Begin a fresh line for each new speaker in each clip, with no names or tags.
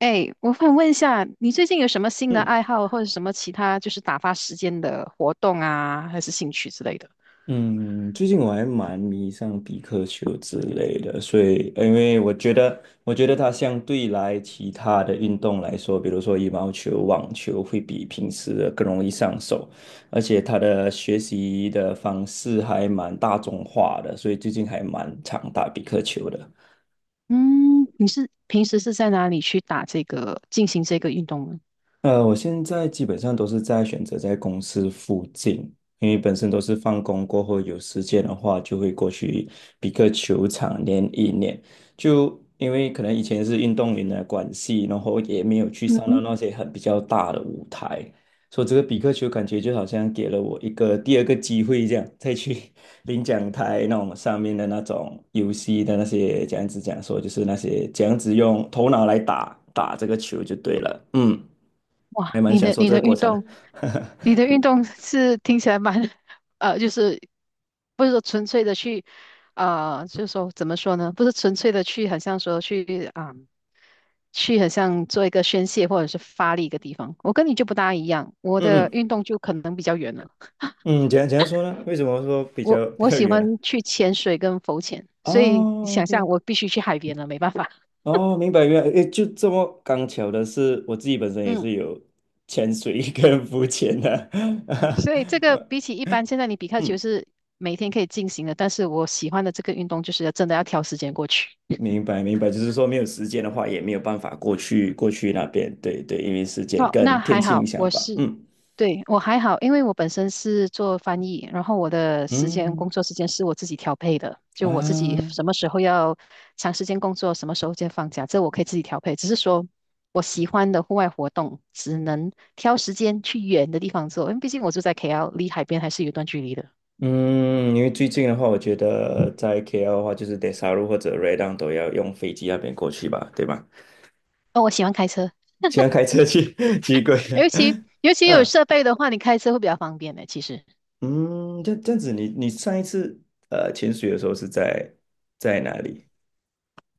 哎，我想问一下，你最近有什么新的爱
嗯
好，或者什么其他就是打发时间的活动啊，还是兴趣之类的？
嗯，最近我还蛮迷上比克球之类的，所以因为我觉得它相对来其他的运动来说，比如说羽毛球、网球，会比平时的更容易上手，而且它的学习的方式还蛮大众化的，所以最近还蛮常打比克球的。
嗯，你是平时是在哪里去打这个，进行这个运动呢？
我现在基本上都是在选择在公司附近，因为本身都是放工过后有时间的话，就会过去比克球场练一练。就因为可能以前是运动员的关系，然后也没有去上到
嗯
那些很比较大的舞台，所以这个比克球感觉就好像给了我一个第二个机会，这样再去 领奖台那种上面的那种游戏的那些这样子讲说，就是那些这样子用头脑来打打这个球就对了，嗯。还
哇，
蛮
你
享
的
受
你
这个
的
过
运
程的。
动，你的 运动是听起来蛮 就是不是说纯粹的去，就是说怎么说呢？不是纯粹的去，好像说去啊、去很像做一个宣泄或者是发力一个地方。我跟你就不大一样，我
嗯
的
嗯
运动就可能比较远了。
嗯，怎样说呢？为什么说比
我
较比
我
较
喜
远呢？
欢去潜水跟浮潜，所以你
哦
想象
，OK，
我必须去海边了，没办法。
哦，明白明白，诶，就这么刚巧的是，我自己本身也
嗯。
是有潜水 跟浮潜的。
所以这 个
呃
比起一般现在你比卡球
嗯，
是每天可以进行的，但是我喜欢的这个运动就是要真的要挑时间过去。
明白明白，就是说没有时间的话，也没有办法过去那边，对对，因为时间
哦，那
跟天
还
气影
好，
响
我
吧。
是，
嗯
对，我还好，因为我本身是做翻译，然后我的时间工
嗯
作时间是我自己调配的，就我自己
啊。
什么时候要长时间工作，什么时候间放假，这我可以自己调配。只是说我喜欢的户外活动，只能挑时间去远的地方做，因为毕竟我住在 KL，离海边还是有一段距离的。
嗯，因为最近的话，我觉得在 KL 的话，就是 Des 或者 Redan 都要用飞机那边过去吧，对吧？
哦，我喜欢开车。
喜欢开车去。 奇怪。
尤其 尤其有
嗯
设备的话，你开车会比较方便的。其实，
嗯，这样子你上一次潜水的时候是在哪里？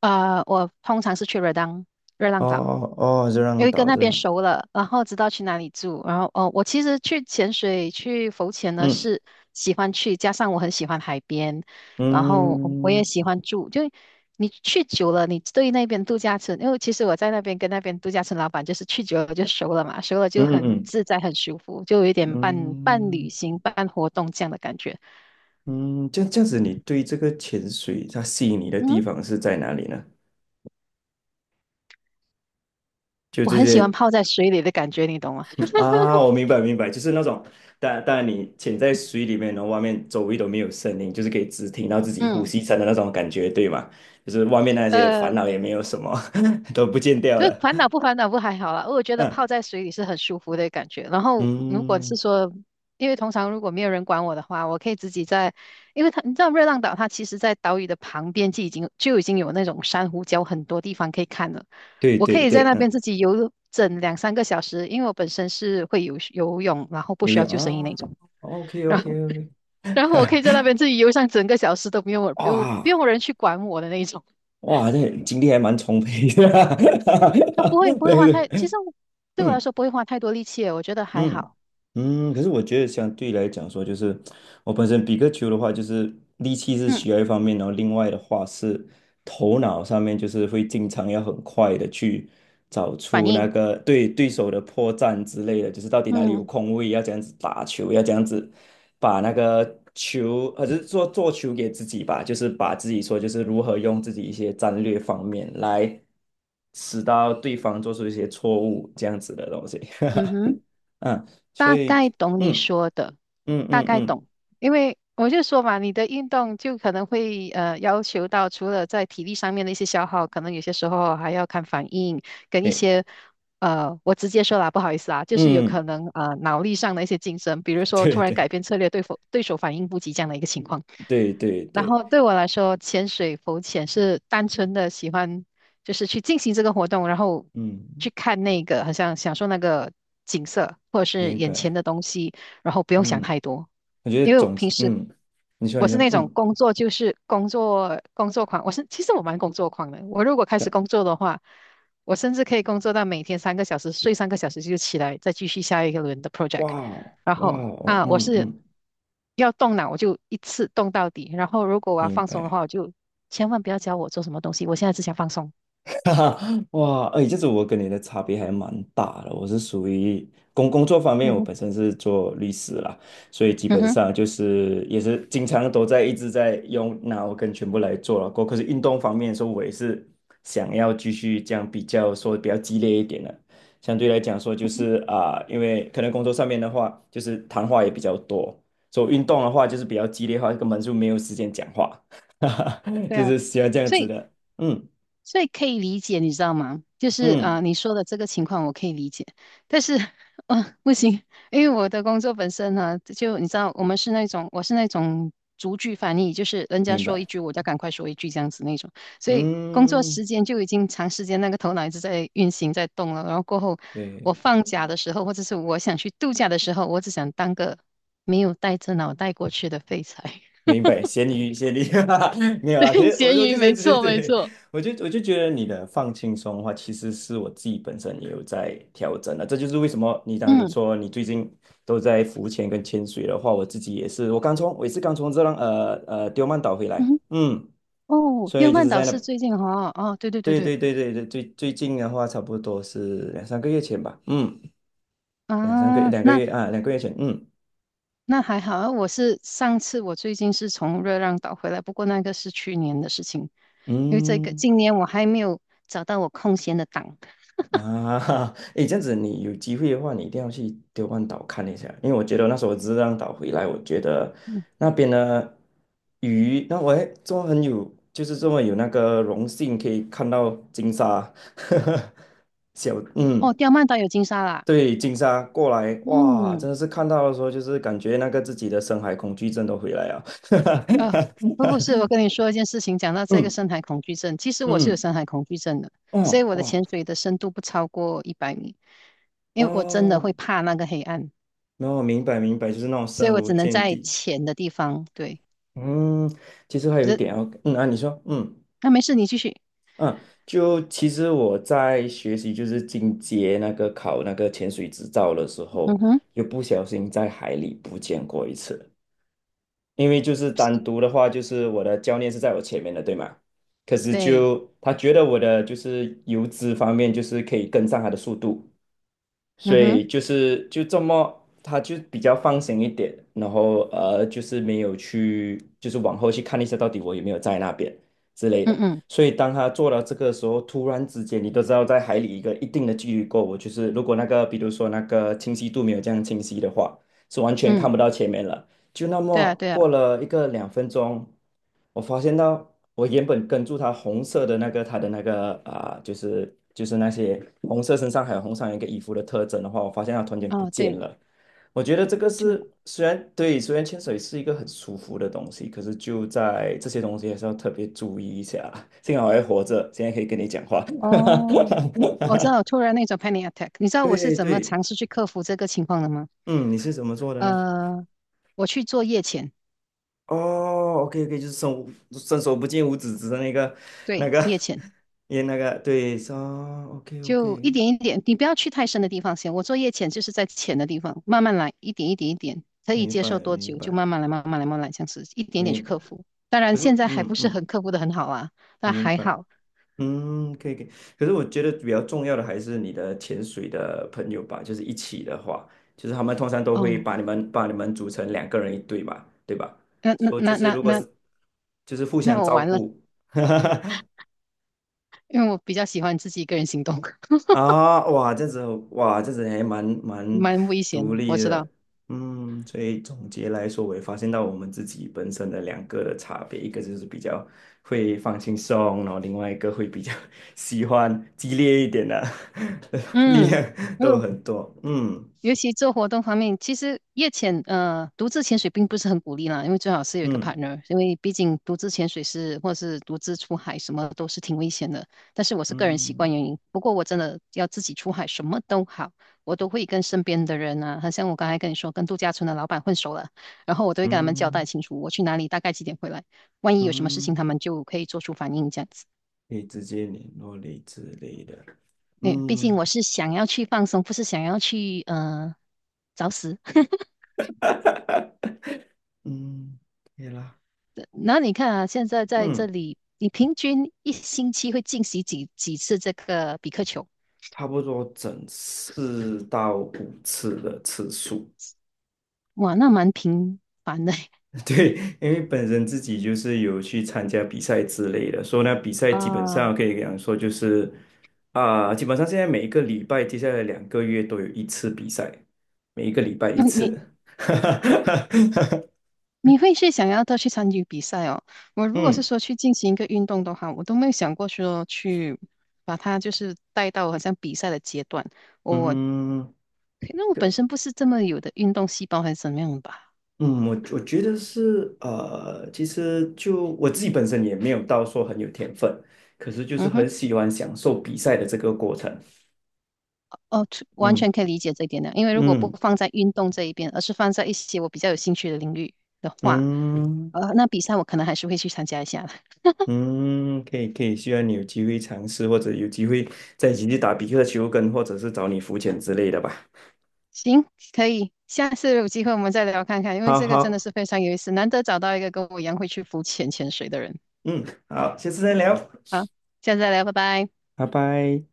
啊，我通常是去热浪热
哦
浪岛，
哦哦，热
因
浪
为跟
岛，
那
热
边
浪。
熟了，然后知道去哪里住。然后，哦，我其实去潜水、去浮潜呢
嗯
是喜欢去，加上我很喜欢海边，然后我也
嗯
喜欢住。就你去久了，你对那边度假村，因为其实我在那边跟那边度假村老板就是去久了就熟了嘛，熟了就
嗯
很
嗯
自在、很舒服，就有一点半半旅
嗯
行、半活动这样的感觉。
嗯，这样子，你对这个潜水它吸引你的地
嗯。
方是在哪里呢？就
我
这
很喜欢
些。
泡在水里的感觉，你懂吗？
啊，我明白明白，就是那种，但你潜在水里面，然后外面周围都没有声音，就是可以只听到自己呼
嗯，
吸声的那种感觉，对吗？就是外面 那些
呃，
烦恼也没有什么。都不见掉
就是
了。
烦恼不烦恼不还好啦，我觉得
嗯
泡在水里是很舒服的感觉。然后如果是
嗯，
说，因为通常如果没有人管我的话，我可以自己在，因为他，你知道热浪岛它其实在岛屿的旁边就已经有那种珊瑚礁，很多地方可以看了。
对
我可
对
以在
对，
那边
嗯，
自己游整两三个小时，因为我本身是会游泳，然后不
游
需要
泳
救生衣那
啊
种。
，OK
然后
OK OK，
然后我可以在那边自己游上整个小时都不用不用不
哇
用人去管我的那一种。
哇，这精力还蛮充沛的。
那不会 不会
对
花太，其
对，
实我对我来
嗯。
说不会花太多力气耶我觉得还
嗯
好。
可是我觉得相对来讲说，就是我本身比个球的话，就是力气是
嗯，
需要一方面，然后另外的话是头脑上面，就是会经常要很快的去找
反
出那
应，
个对手的破绽之类的，就是到底哪里有
嗯
空位，要这样子打球，要这样子把那个球，或者是做做球给自己吧，就是把自己说就是如何用自己一些战略方面来使到对方做出一些错误这样子的东西。
嗯哼，
嗯，所
大
以，
概懂你
嗯
说的，
嗯
大
嗯
概
嗯，
懂。因为我就说嘛，你的运动就可能会要求到除了在体力上面的一些消耗，可能有些时候还要看反应跟一
对，
些我直接说啦，不好意思啊，就是有可
嗯。
能脑力上的一些竞争，比如 说突
对
然
对
改变策略，对否对手反应不及这样的一个情况。
对对
然
对，
后对我来说，潜水、浮潜是单纯的喜欢，就是去进行这个活动，然后
嗯，
去看那个，好像享受那个景色或者是
明
眼前
白，
的东西，然后不用想
嗯，
太多。
我觉得
因为
总
平
之，
时
嗯，你说
我
你
是
说，
那种
嗯，
工作就是工作工作狂，我是其实我蛮工作狂的。我如果开始工
对。
作的话，我甚至可以工作到每天三个小时，睡三个小时就起来，再继续下一个轮的 project。
哇哦
然
哇
后
哦，
啊，我
嗯
是
嗯，
要动脑，我就一次动到底。然后如果我要
明
放松的
白。
话，我就千万不要教我做什么东西，我现在只想放松。
哈哈，哇，哎，这是我跟你的差别还蛮大的。我是属于工作方
嗯
面，我
哼，
本身是做律师啦，所以基
嗯
本
哼，
上就是也是经常都在一直在用脑跟全部来做了。可是运动方面说，我也是想要继续这样比较说比较激烈一点的。相对来讲说，就是啊、因为可能工作上面的话，就是谈话也比较多，所以运动的话就是比较激烈的话，根本就没有时间讲话。哈哈，
对
就
啊，
是喜欢这样
所
子
以。
的。嗯
所以可以理解，你知道吗？就是啊、
嗯。
你说的这个情况我可以理解，但是，啊不行，因为我的工作本身呢，就你知道，我们是那种，我是那种逐句翻译，就是人家
明
说一
白，
句，我就赶快说一句这样子那种，所以工作
嗯，
时间就已经长时间那个头脑一直在运行在动了，然后过后我
对，
放假的时候，或者是我想去度假的时候，我只想当个没有带着脑袋过去的废柴。
明白，咸鱼，咸鱼。哈哈没有
对，
啦。可是我
咸
就我
鱼，
就
没
在这些，
错没
对，
错。
我就觉得你的放轻松的话，其实是我自己本身也有在调整的。这就是为什么当你
嗯
说你最近都在浮潜跟潜水的话，我自己也是，我也是刚从丢曼岛回
嗯
来，
哼
嗯，
哦，
所以
电
就
饭
是
岛
在那，
是最近哈、哦，哦对对对
对
对，
对对对对，最近的话，差不多是两三个月前吧，嗯，两三个
啊，
两个
那
月啊，两个月前，嗯
那还好啊我是上次我最近是从热浪岛回来，不过那个是去年的事情，因为这个
嗯。
今年我还没有找到我空闲的档。
啊。诶，这样子你有机会的话，你一定要去丢万岛看一下，因为我觉得那时候我只是浪岛回来，我觉得
嗯，
那边的鱼，那我还这么很有，就是这么有那个荣幸可以看到金沙。小，
哦，
嗯，
刁曼岛有金沙啦。
对，金沙过来，哇，
嗯，
真的是看到的时候，就是感觉那个自己的深海恐惧症都回来了。
呃，不是，我跟你说一件事情，讲到 这个
嗯
深海恐惧症，其实我是有
嗯，
深海恐惧症的，所以
哦
我的
哇
潜水的深度不超过100米，因为我真的
哦，
会怕那个黑暗，
然后明白明白，就是那种
所以
深
我
无
只能
见
在
底。
浅的地方，对。
嗯，其实还
可
有一
是。
点哦，嗯啊，你说，
那、没事，你继续。
嗯，就其实我在学习就是进阶那个考那个潜水执照的时
嗯
候，
哼，
又不小心在海里不见过一次，因为就是单独的话，就是我的教练是在我前面的，对吗？可是
对，
就他觉得我的就是游姿方面，就是可以跟上他的速度，所
嗯哼，
以就是就这么，他就比较放心一点，然后就是没有去，就是往后去看一下到底我有没有在那边之类
嗯
的。
嗯
所以当他做到这个时候，突然之间，你都知道在海里一个一定的距离过，我就是如果那个比如说那个清晰度没有这样清晰的话，是完全看
嗯，
不到前面了。就那
对啊，
么
对啊，
过了一个2分钟，我发现到我原本跟住他红色的那个他的那个啊、就是那些红色身上还有红上一个衣服的特征的话，我发现它突然间不
啊，
见
对，
了。我觉得这个
就
是虽然对，虽然潜水是一个很舒服的东西，可是就在这些东西还是要特别注意一下。幸好我还活着，现在可以跟你讲话。
哦，我 知道，突然那种 panic attack，你知道我是
对
怎么
对，
尝试去克服这个情况的吗？
嗯，你是怎么做的呢？
呃，我去做夜潜，
哦，OK OK，就是伸手不见五指指的那个那
对，
个
夜潜，
也那个对，是 o k
就一
OK，
点一点，你不要去太深的地方先。我做夜潜就是在浅的地方，慢慢来，一点一点一点，可以
明
接
白
受多
明
久就
白
慢慢来，慢慢来，慢慢来，这样子一点点
明
去
白。
克服。当然，
可是
现
我
在还不是很克服的很好啊，但
明
还
白，
好
嗯，可以可以。可是我觉得比较重要的还是你的潜水的朋友吧，就是一起的话，就是他们通常都会
哦。
把你们组成两个人一队嘛，对吧？
那那
说就
那
是
那
如果
那
是就是互
那
相
我
照
完了。
顾。
因为我比较喜欢自己一个人行动，
啊，哇，这样子哇，这样子还蛮
蛮危险
独
的，我
立
知道。
的，嗯，所以总结来说，我也发现到我们自己本身的两个的差别，一个就是比较会放轻松，然后另外一个会比较 喜欢激烈一点的。力量
嗯，
都
嗯，
很多，嗯
尤其做活动方面，其实夜潜，独自潜水并不是很鼓励啦，因为最好是有一个
嗯
partner，因为毕竟独自潜水是或是独自出海什么都是挺危险的。但是我是个人习
嗯
惯原因，不过我真的要自己出海什么都好，我都会跟身边的人啊，好像我刚才跟你说，跟度假村的老板混熟了，然后我都会跟他们交代
嗯
清楚我去哪里，大概几点回来，万一有什么事情，
嗯，
他们就可以做出反应这样子。
可以直接联络类之类的，
对，毕竟
嗯
我是想要去放松，不是想要去找死。
嗯，可以啦，
那你看啊，现在在这
嗯。
里，你平均一星期会进行几次这个比克球？
差不多整4到5次的次数。
哇，那蛮频繁的
对，因为本身自己就是有去参加比赛之类的，所以呢，比赛 基本
啊。
上可以讲说就是啊、基本上现在每一个礼拜，接下来两个月都有一次比赛，每一个礼拜一
嗯你
次。
你会是想要多去参与比赛哦？我如果是
嗯
说去进行一个运动的话，我都没有想过说去把它就是带到好像比赛的阶段。我
嗯。
那我本身不是这么有的运动细胞还是怎么样吧？
嗯，我觉得是其实就我自己本身也没有到说很有天分，可是就是
嗯哼。
很喜欢享受比赛的这个过程。
哦，这完
嗯
全可以理解这一点的，因为如果不
嗯
放在运动这一边，而是放在一些我比较有兴趣的领域的话，
嗯
那比赛我可能还是会去参加一下的。
嗯，可以可以，希望你有机会尝试，或者有机会再一起去打比克球跟，或者是找你浮潜之类的吧。
行，可以，下次有机会我们再聊看看，因为
好
这个真的
好，
是非常有意思，难得找到一个跟我一样会去浮潜潜水的人。
嗯，好，下次再聊，
好，下次再聊，拜拜。
拜拜。